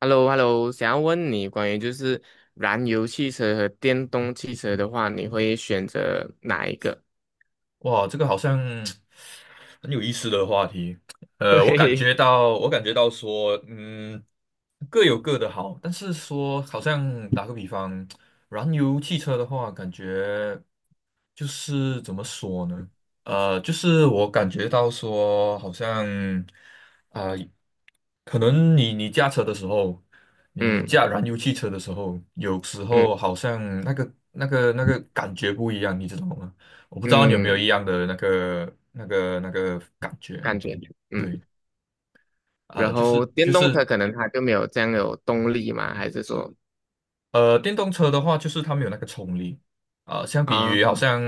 h e l l o h e l l o 想要问你关于就是燃油汽车和电动汽车的话，你会选择哪一个？哇，这个好像很有意思的话题。嘿嘿，我感觉到说，各有各的好，但是说，好像打个比方，燃油汽车的话，感觉就是怎么说呢？就是我感觉到说，好像啊、可能你驾车的时候，你嗯驾燃油汽车的时候，有时嗯候好像那个感觉不一样，你知道吗？我不知道你有没有一嗯，样的那个感觉。感觉嗯，对，然就后是就电动是车可能它就没有这样有动力嘛，还是说电动车的话，就是它没有那个冲力相比啊于好像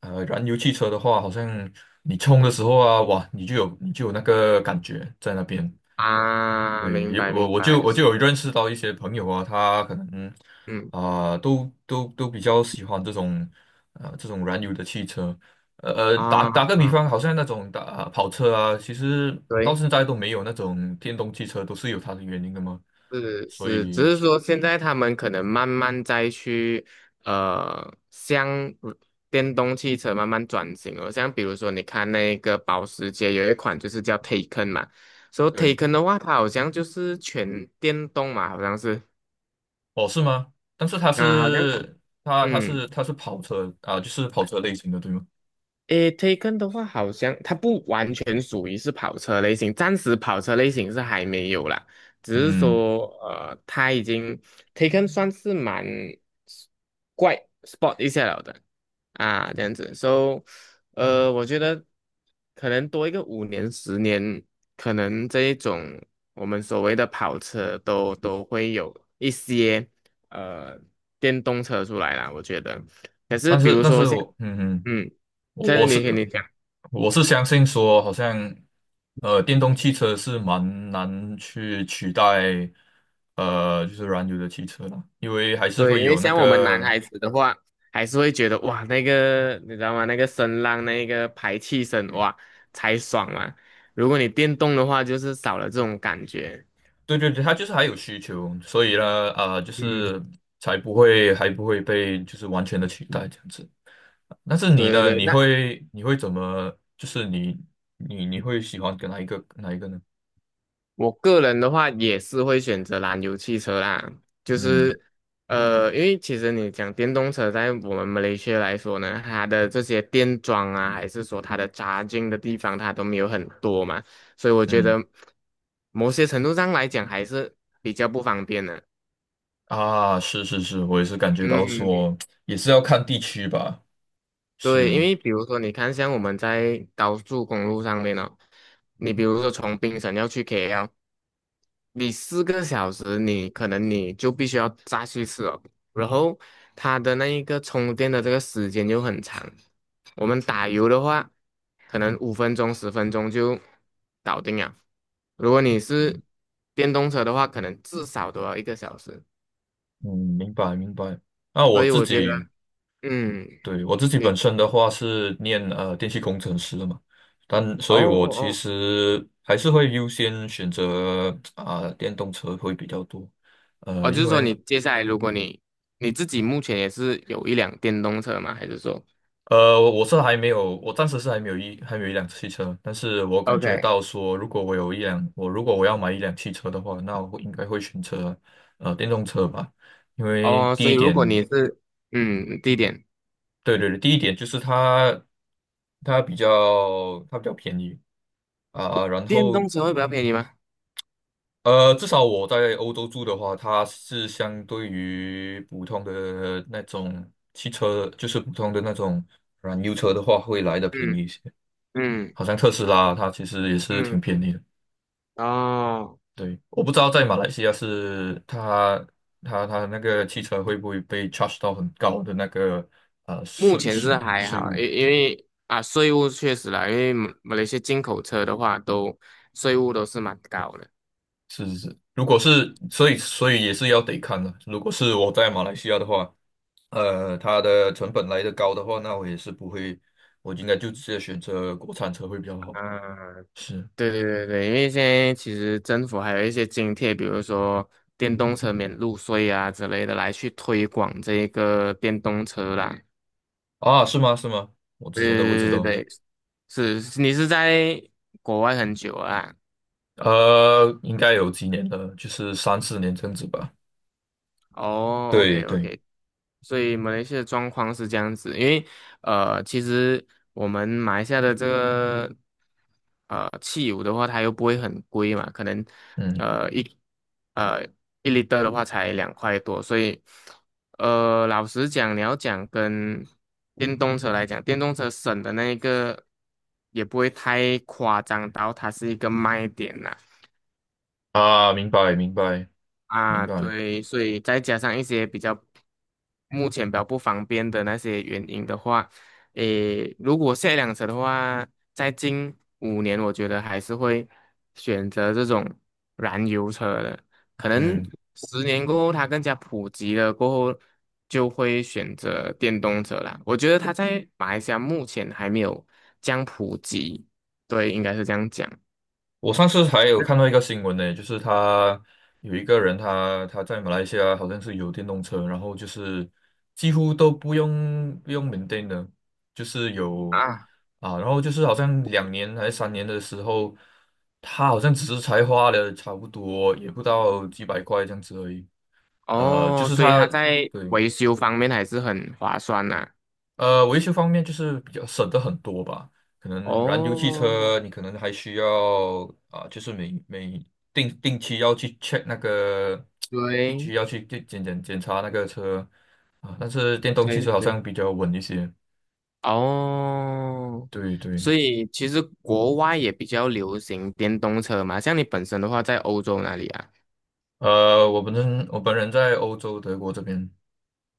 燃油汽车的话，好像你冲的时候啊，哇，你就有那个感觉在那边。啊，对，明有白明我我就白，我就有认识到一些朋友啊，他可能嗯都比较喜欢这种燃油的汽车。打啊，打个比方，好像那种打跑车啊，其实到对。现在都没有那种电动汽车，都是有它的原因的嘛。是所是，只以是说现在他们可能慢慢再去向电动汽车慢慢转型了。像比如说，你看那个保时捷有一款就是叫 Taycan 嘛，所以 对。Taycan 的话，它好像就是全电动嘛，好像是哦，是吗？但是它啊，好像是它它嗯。是它是跑车啊，就是跑车类型的，对吗？诶，Taken 的话，好像它不完全属于是跑车类型，暂时跑车类型是还没有啦，只是嗯，说它已经 Taken 算是蛮 s- 怪 sport 一下了的啊，这样子，so 我觉得可能多一个五年十年，可能这一种我们所谓的跑车都会有一些呃电动车出来啦，我觉得，可是但比是如但说是像我嗯。在我是我你跟你是讲，我是相信说，好像电动汽车是蛮难去取代就是燃油的汽车啦，因为还是对，会因为有那像我们男个。孩子的话，还是会觉得哇，那个你知道吗？那个声浪，那个排气声，哇，才爽嘛。如果你电动的话，就是少了这种感觉。对对对，它就是还有需求，所以呢，就嗯，是才不会还不会被就是完全的取代这样子。但是你对呢？对对，你那。会你会怎么？就是你会喜欢跟哪一个呢？我个人的话也是会选择燃油汽车啦，就嗯是因为其实你讲电动车，在我们马来西亚来说呢，它的这些电桩啊，还是说它的扎进的地方，它都没有很多嘛，所以我觉嗯得某些程度上来讲还是比较不方便的。啊，是是是，我也是感觉到嗯，说，也是要看地区吧。对，因是，为比如说你看，像我们在高速公路上面哦，你比如说从槟城要去 KL。你4个小时，你可能你就必须要再去吃哦。然后它的那一个充电的这个时间就很长。我们打油的话，可能5分钟、10分钟就搞定了。如果你是电动车的话，可能至少都要1个小时。嗯，明白明白。那我所以自我觉得，己嗯，对，我自己你本身的话是念电气工程师的嘛，但哦所以我其哦实还是会优先选择电动车会比较多。哦，就因是说为你接下来，如果你自己目前也是有一辆电动车吗？还是说 我是还没有，我暂时是还没有一辆汽车，但是我感觉 OK，到说，如果我有一辆，如果我要买一辆汽车的话，那我应该会选择电动车吧，因为哦，第所一以如果点，你是嗯地点。对对对，第一点就是它比较便宜啊，然电后动车会比较便宜吗？至少我在欧洲住的话，它是相对于普通的那种汽车，就是普通的那种燃油车的话，会来的便宜嗯一些。嗯好像特斯拉它其实也是挺嗯，便宜的。哦，对，我不知道在马来西亚是它那个汽车会不会被 charge 到很高的那个呃目税前是税还税好，务？因为啊，税务确实啦，因为马来西亚进口车的话都，税务都是蛮高的。是是是，如果是，所以也是要得看的。如果是我在马来西亚的话，它的成本来的高的话，那我也是不会，我应该就直接选择国产车会比较好。嗯，是对对对对，因为现在其实政府还有一些津贴，比如说电动车免路税啊之类的，来去推广这一个电动车啦。啊，是吗？是吗？我之前都不知对对道。对对，是你是在国外很久啊？应该有几年了，就是三四年这样子吧。哦对，OK 对，OK，所以马来西亚的状况是这样子，因为其实我们马来西亚的这个汽油的话，它又不会很贵嘛，可能嗯呃一呃一 l i 的话才2块多，所以老实讲，你要讲跟电动车来讲，电动车省的那一个也不会太夸张到它是一个卖点啦。啊，明白明白明啊，白，对，所以再加上一些比较目前比较不方便的那些原因的话，诶，如果下一辆车的话，在近5年，我觉得还是会选择这种燃油车的。可能嗯，十年过后，它更加普及了过后，就会选择电动车啦。我觉得它在马来西亚目前还没有这样普及，对，应该是这样讲。我上次还有看到一个新闻呢，就是有一个人他在马来西亚好像是有电动车，然后就是几乎都不用 maintain 的，就是有啊。啊，然后就是好像2年还是3年的时候，他好像只是才花了差不多也不到几百块这样子而已。呃，就哦，是所以他它在对。维修方面还是很划算呐、维修方面就是比较省的很多吧。可能燃油汽哦，车，你可能还需要就是每定期要去 check 那个，定对期要去检查那个车啊。但是电动汽对车好对，像比较稳一些。哦，对对，所以其实国外也比较流行电动车嘛，像你本身的话，在欧洲哪里啊？我本人在欧洲德国这边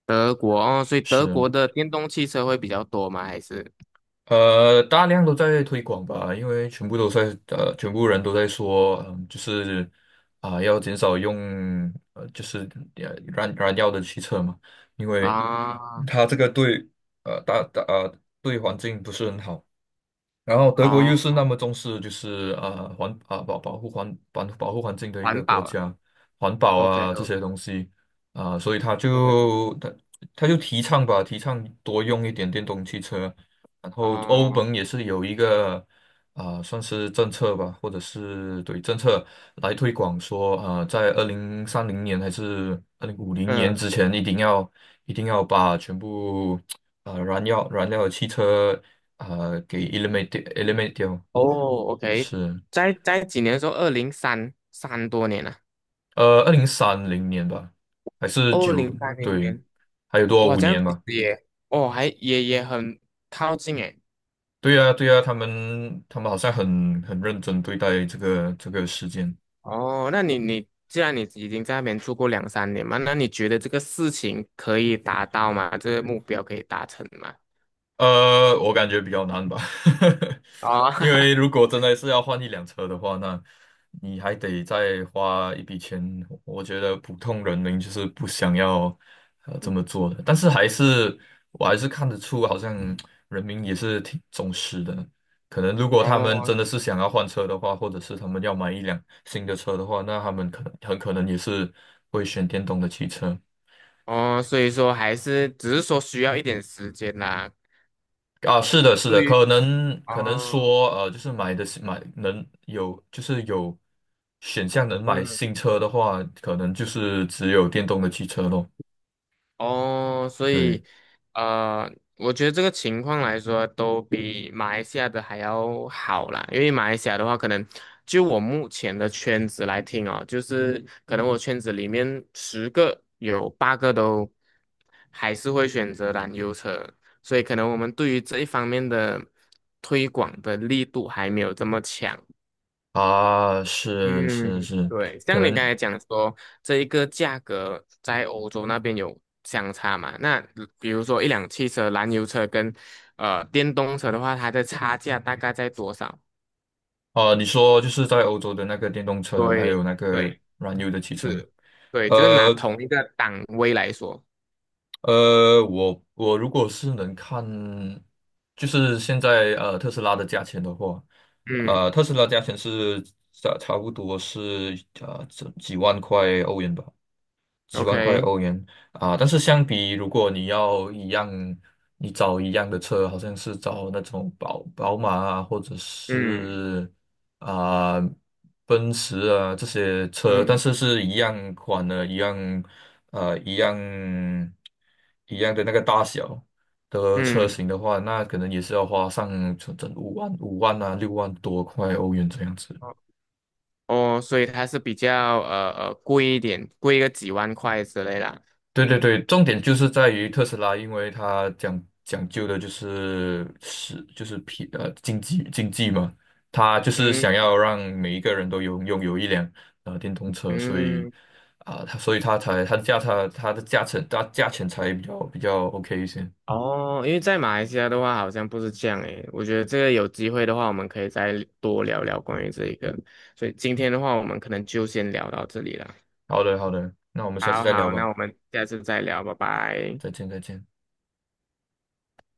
德国哦，所以德是。国的电动汽车会比较多吗？还是大量都在推广吧，因为全部都在全部人都在说，就是要减少用就是燃料的汽车嘛，因为啊它这个对呃大大呃对环境不是很好。然后德国哦，又是那么重视，就是啊环啊保保护环保保护环境的一环个国保了家，环保，OK 啊这都 些东西啊，所以他 OK 就他他就提倡吧，提倡多用一点电动汽车。然后欧哦，盟也是有一个算是政策吧，或者是对政策来推广说，啊，在二零三零年还是2050年嗯之前，一定要把全部燃料的汽车给 eliminate 掉。哦，OK，是，在几年的时候，二零三三多年了、啊，二零三零年吧，还是二九零三零对。年。还有多少哇，五这样年其吧？实也，哦，还也很靠近诶。对呀、对呀、他们好像很认真对待这个事件。哦，那你既然你已经在那边住过2、3年嘛，那你觉得这个事情可以达到吗？这个目标可以达成吗？我感觉比较难吧，哦，因为 如果真的是要换一辆车的话，那你还得再花一笔钱。我觉得普通人民就是不想要这么做的，但是还是我还是看得出，好像人民也是挺重视的。可能如果他们哦真的是想要换车的话，或者是他们要买一辆新的车的话，那他们可能很可能也是会选电动的汽车。哦，所以说还是只是说需要一点时间啦。啊，是的，是的，对，于可能哦，说，就是买的是买能有，就是有选项能买嗯。新车的话，可能就是只有电动的汽车咯。哦，所对以，呃，我觉得这个情况来说，都比马来西亚的还要好啦。因为马来西亚的话，可能就我目前的圈子来听哦，就是可能我圈子里面10个有8个都还是会选择燃油车，所以可能我们对于这一方面的推广的力度还没有这么强。啊，是是嗯，是，对，可像你刚能才讲说，这一个价格在欧洲那边有相差嘛？那比如说一辆汽车，燃油车跟电动车的话，它的差价大概在多少？啊，你说就是在欧洲的那个电动车，还对，有那个对，燃油的汽车，是，对，就是拿呃。同一个档位来说，我如果是能看，就是现在特斯拉的价钱的话，嗯特斯拉价钱是差不多是这几万块欧元吧。几万块，OK，欧元啊，但是相比如果你要一样，你找一样的车，好像是找那种宝马啊，或者嗯是啊奔驰啊这些车，但嗯是是一样款的，呃一样一样的那个大小的车嗯，型的话，那可能也是要花上整整五万啊6万多块欧元这样子。哦，所以它是比较贵一点，贵个几万块之类啦，对对对，重点就是在于特斯拉，因为它讲究的就是经济嘛，它就是想嗯要让每一个人都拥有一辆电动车，所以嗯。啊，它、所以它才它的价它它的价钱它价钱才比较 OK 一些。哦，因为在马来西亚的话，好像不是这样诶。我觉得这个有机会的话，我们可以再多聊聊关于这一个。所以今天的话，我们可能就先聊到这里了。好的好的，那我们下次好再聊好，那吧，我们下次再聊，拜拜。再见再见。